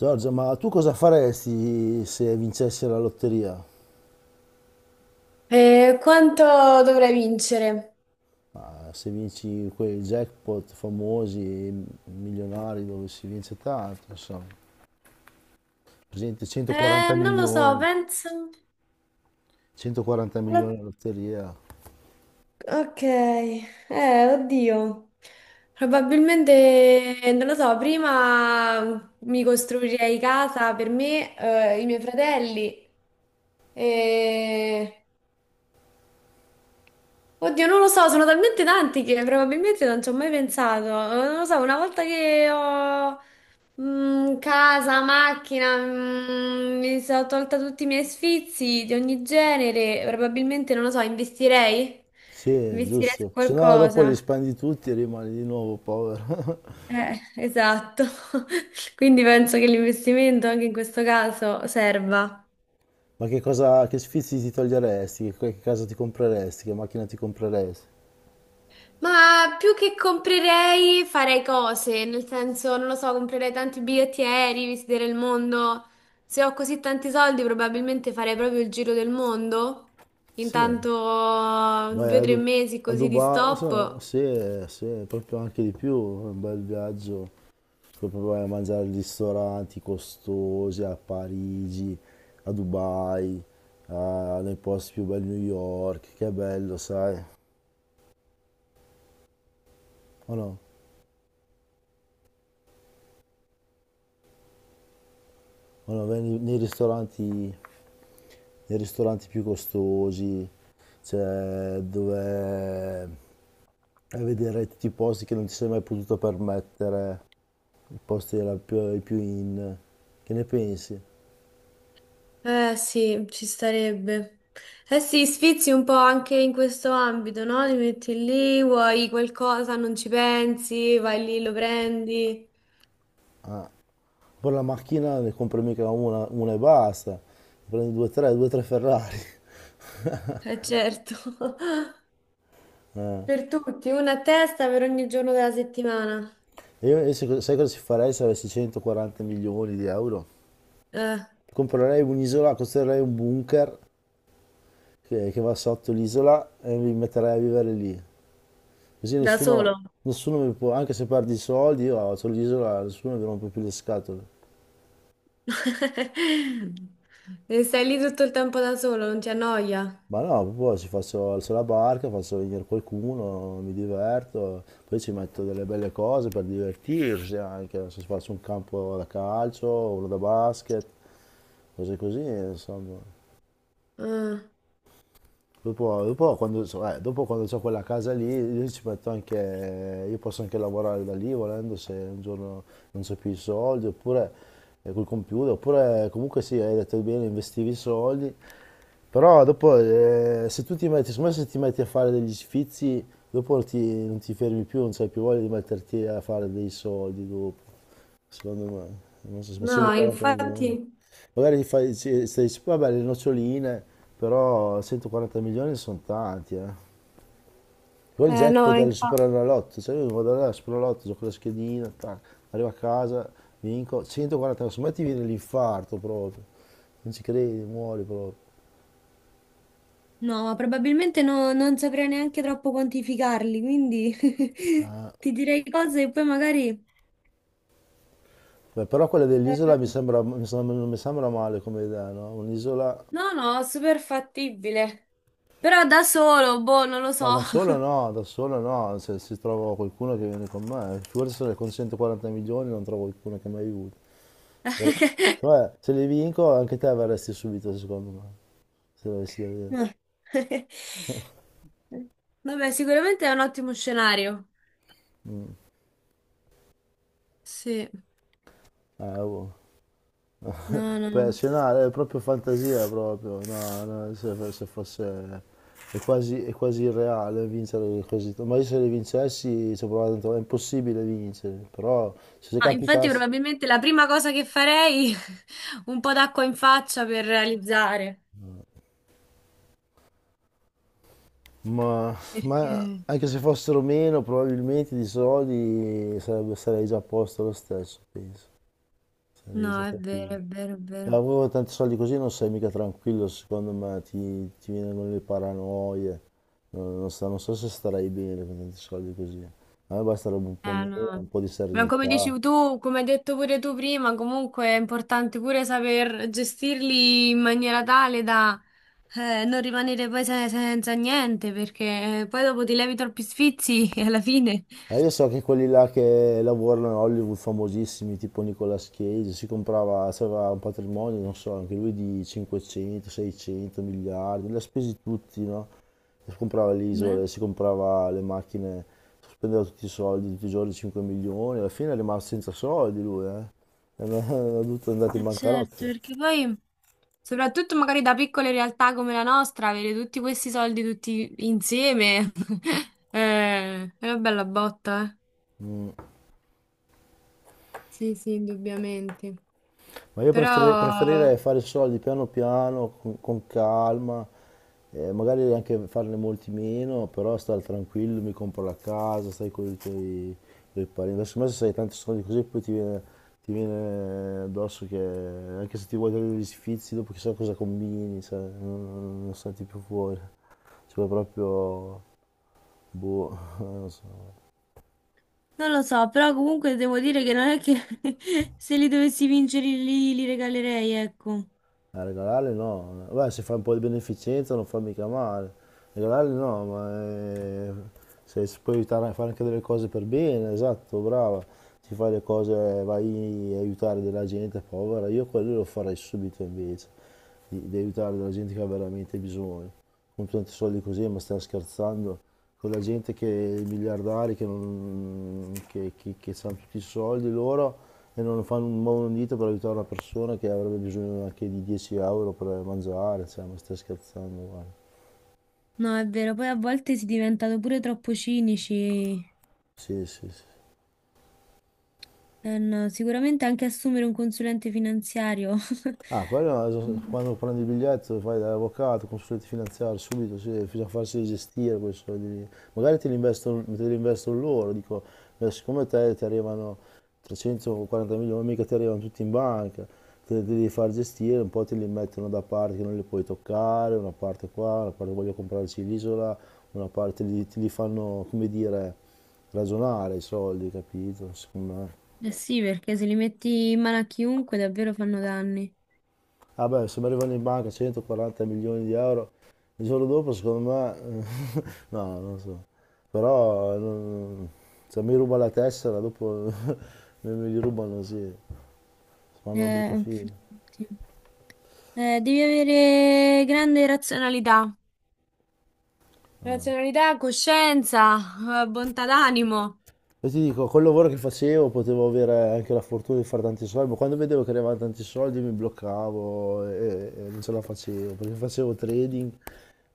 Giorgia, ma tu cosa faresti se vincessi la lotteria? Quanto dovrei vincere? Ma se vinci quei jackpot famosi, milionari, dove si vince tanto, insomma. Per esempio 140 Non lo so, milioni, penso. 140 No- milioni la lotteria. Ok, oddio. Probabilmente, non lo so, prima mi costruirei casa per me, i miei fratelli. E... Oddio, non lo so, sono talmente tanti che probabilmente non ci ho mai pensato. Non lo so, una volta che ho casa, macchina, mi sono tolta tutti i miei sfizi di ogni genere. Probabilmente, non lo so, investirei? Sì, Investirei su giusto. Se no dopo qualcosa. li spendi tutti e rimani di nuovo povero. Esatto. Quindi penso che l'investimento anche in questo caso serva. Ma che cosa, che sfizi ti toglieresti? Che casa ti compreresti? Che macchina ti compreresti? Ma più che comprerei, farei cose, nel senso, non lo so, comprerei tanti biglietti aerei, visiterei il mondo. Se ho così tanti soldi, probabilmente farei proprio il giro del mondo. Sì. Intanto Vai due o a, tre Du- mesi A così di Dubai, se no, stop. Se proprio anche di più, un bel viaggio, puoi proprio vai a mangiare in ristoranti costosi a Parigi, a Dubai, nei posti più belli, New York, che è bello, sai? O no? O no, vai nei ristoranti più costosi, cioè dove vai a vedere tutti i posti che non ti sei mai potuto permettere, i posti i più in... Che ne pensi? Eh sì, ci starebbe. Eh sì, sfizi un po' anche in questo ambito, no? Ti metti lì, vuoi qualcosa, non ci pensi, vai lì, lo prendi. Ah. Poi la macchina ne compro mica una e basta, prendo due o tre Ferrari. Eh certo. Eh. Per tutti, una a testa per ogni giorno della settimana. Sai cosa ci farei se avessi 140 milioni di euro? Eh, Comprerei un'isola, costruirei un bunker che va sotto l'isola e mi metterei a vivere lì. Così da nessuno, solo. nessuno mi può, anche se perdi i soldi, io ho l'isola, nessuno mi rompe più le scatole. E stai lì tutto il tempo da solo, non ti annoia? Ma no, proprio ci faccio, alzo la barca, faccio venire qualcuno, mi diverto, poi ci metto delle belle cose per divertirsi anche, non so, se faccio un campo da calcio, uno da basket, cose così, insomma. Ah, Dopo quando ho quella casa lì, io ci metto anche, io posso anche lavorare da lì volendo, se un giorno non c'ho più i soldi, oppure col computer, oppure comunque sì, hai detto bene, investivi i soldi, però dopo se tu ti metti, secondo me, se ti metti a fare degli sfizi, non ti fermi più, non c'hai più voglia di metterti a fare dei soldi dopo. Secondo me, non so, ma no, 140 milioni. infatti. Magari gli fai, sì, stai dici, vabbè, le noccioline, però 140 milioni sono tanti, eh. Poi il No, jackpot del infatti. Superenalotto, cioè io vado là al Superenalotto, gioco la schedina, tac, arrivo a casa, vinco, 140, insomma ti viene l'infarto proprio, non ci credi, muori proprio. No, ma probabilmente non saprei neanche troppo quantificarli, quindi ti direi cose e poi magari. Beh, però quella eh, dell'isola non mi sembra male come idea, no? Un'isola. No, no, super fattibile. Però da solo, boh, non lo Ma so. Da solo no, se trovo qualcuno che viene con me, figurati se ne consento 40 milioni non trovo qualcuno che mi aiuti. Però. Vabbè, se li vinco anche te verresti subito secondo me, se l'avessi da dire. No. Vabbè, sicuramente è un ottimo scenario. Sì. Boh. No, no. Per scenare è proprio fantasia proprio, no, no, se fosse... è quasi irreale vincere così. Ma io se li vincessi ci ho provato tanto, è impossibile vincere, però se Ah, infatti, capitasse... probabilmente la prima cosa che farei un po' d'acqua in faccia per realizzare. Ma, ma Perché? anche se fossero meno, probabilmente di soldi sarei già a posto lo stesso, penso. Sarei già No, è vero, tranquillo. è vero, è vero. Lavoro tanti soldi così non sei mica tranquillo, secondo me ti vengono le paranoie. Non so, non so se starei bene con tanti soldi così. A me basterebbe un po' meno, No. un po' di Ma come dici serenità. tu, come hai detto pure tu prima, comunque è importante pure saper gestirli in maniera tale da non rimanere poi senza niente, perché poi dopo ti levi troppi sfizi e alla fine. Ah, io so che quelli là che lavorano a Hollywood famosissimi, tipo Nicolas Cage, si comprava, aveva un patrimonio, non so, anche lui di 500, 600 miliardi, li ha spesi tutti, no? Si comprava le Beh. isole, si comprava le macchine, spendeva tutti i soldi, tutti i giorni 5 milioni, alla fine è rimasto senza soldi lui, eh? È dovuto andare in bancarotta. Certo, perché poi. Soprattutto magari da piccole realtà come la nostra, avere tutti questi soldi tutti insieme è una bella botta, eh. Sì, sì, indubbiamente. Ma Però, preferirei fare soldi piano piano, con calma, magari anche farne molti meno, però stare tranquillo, mi compro la casa, stai con i tuoi tuoi parenti. Adesso me se hai tanti soldi così poi ti viene addosso che anche se ti vuoi togliere gli sfizi, dopo chissà cosa combini, cioè, non senti più fuori. Cioè proprio, boh, non so. non lo so, però comunque devo dire che non è che se li dovessi vincere li regalerei, ecco. A regalarli no, beh se fai un po' di beneficenza non fa mica male, regalarli no, ma se si può aiutare a fare anche delle cose per bene, esatto, brava, ti fai le cose, vai a aiutare della gente povera, io quello lo farei subito invece, di aiutare della gente che ha veramente bisogno con tanti soldi così, ma stai scherzando? Con la gente che i miliardari che, non, che hanno tutti i soldi loro e non fanno un muovono un dito per aiutare una persona che avrebbe bisogno anche di 10 euro per mangiare, cioè, ma stai scherzando? Guarda. No, è vero, poi a volte si è diventato pure troppo cinici. Sì, sì, sì. Eh no, sicuramente anche assumere un consulente finanziario. Ah, quello quando prendi il biglietto fai dall'avvocato, consulente finanziario, subito, sì, bisogna farsi gestire quei soldi lì. Magari te li investono loro, dico, ma siccome te ti arrivano 340 milioni, mica ti arrivano tutti in banca, te li devi far gestire, un po' te li mettono da parte che non li puoi toccare, una parte qua, una parte voglio comprarci l'isola, una parte li, ti li fanno, come dire, ragionare i soldi, capito? Secondo me. Eh sì, perché se li metti in mano a chiunque davvero fanno danni. Vabbè, se mi arrivano in banca 140 milioni di euro, il giorno dopo secondo me, no, non so, però se mi ruba la tessera dopo me li rubano, sì, fanno una brutta Eh, fine. sì. Devi avere grande razionalità, razionalità, coscienza, bontà d'animo, E ti dico, col lavoro che facevo potevo avere anche la fortuna di fare tanti soldi, ma quando vedevo che arrivavano tanti soldi mi bloccavo e non ce la facevo, perché facevo trading.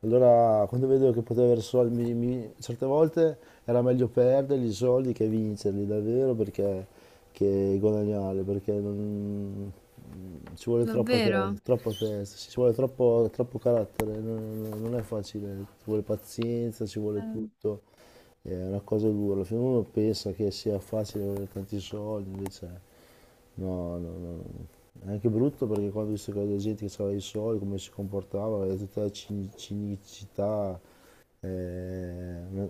Allora, quando vedevo che potevo avere soldi, certe volte era meglio perderli i soldi che vincerli davvero perché che guadagnare, perché non- mm, ci vuole davvero. Troppa testa, ci vuole troppo, troppo carattere, non è facile, ci vuole pazienza, ci vuole Eh, tutto, è una cosa dura. Alla fine uno pensa che sia facile avere tanti soldi, invece no, no, no, no, no. È anche brutto perché quando ho visto che la gente che aveva i soldi, come si comportava, era tutta la cinicità, eh, non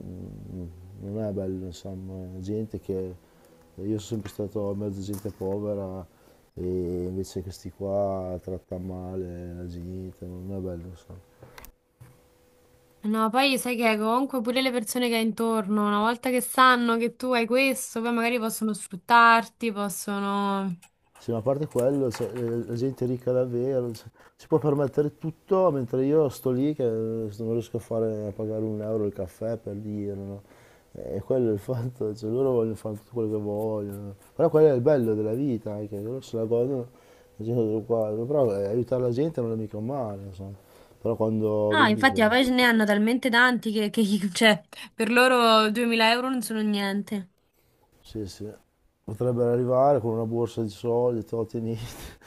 non è bello, insomma, gente che... Io sono sempre stato in mezzo a gente povera e invece questi qua tratta male la gente, non è bello, insomma. No, poi sai che comunque pure le persone che hai intorno, una volta che sanno che tu hai questo, poi magari possono sfruttarti, possono. Sì, ma a parte quello, cioè, la gente è ricca davvero, cioè, si può permettere tutto, mentre io sto lì che non riesco a, fare, a pagare un euro il caffè per dire, no? E quello è il fatto, cioè, loro vogliono fare tutto quello che vogliono. Però quello è il bello della vita, anche, loro se la godono, la gente sono qua. Però aiutare la gente non è mica un male, insomma. Però quando Ah, vedi infatti, che, ma poi ce ne hanno talmente tanti cioè, per loro 2.000 euro non sono niente. sì, sì, potrebbero arrivare con una borsa di soldi, te lo tieni.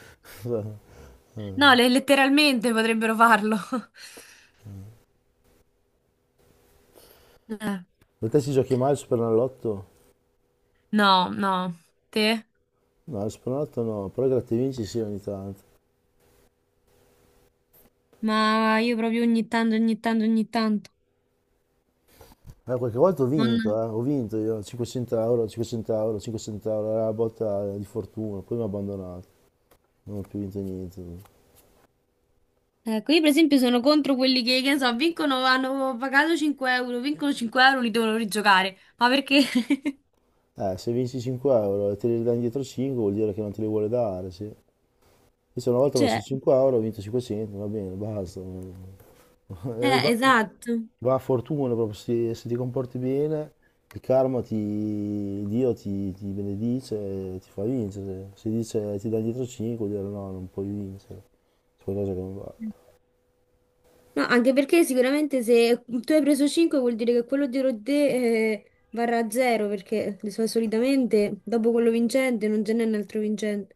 No, Eh. Letteralmente potrebbero farlo. Eh, Per te si giochi mai al Superenalotto? No, no, te? No, il Spronotto no, però gratta e vinci sì ogni tanto. Ma io proprio ogni tanto, ogni tanto, ogni tanto. Qualche volta Non- ho vinto io, 500 euro, 500 euro, 500 euro, era la botta di fortuna, poi mi ha abbandonato, non ho più vinto niente. Ecco, io per esempio sono contro quelli che ne so, vincono, hanno pagato 5 euro, vincono 5 euro, li devono rigiocare. Ma perché? Se vinci 5 euro e te li dai indietro 5 vuol dire che non te li vuole dare, sì. Io una volta ho messo Cioè, 5 euro, ho vinto 500, va bene, basta. Va. esatto. Va a fortuna proprio se ti comporti bene, il karma ti, Dio ti, ti benedice e ti fa vincere. Se dice ti dà dietro 5, vuol dire no, non puoi vincere. C'è qualcosa che non va. No, anche perché sicuramente se tu hai preso 5 vuol dire che quello dietro te varrà 0 perché solitamente dopo quello vincente non ce n'è un altro vincente.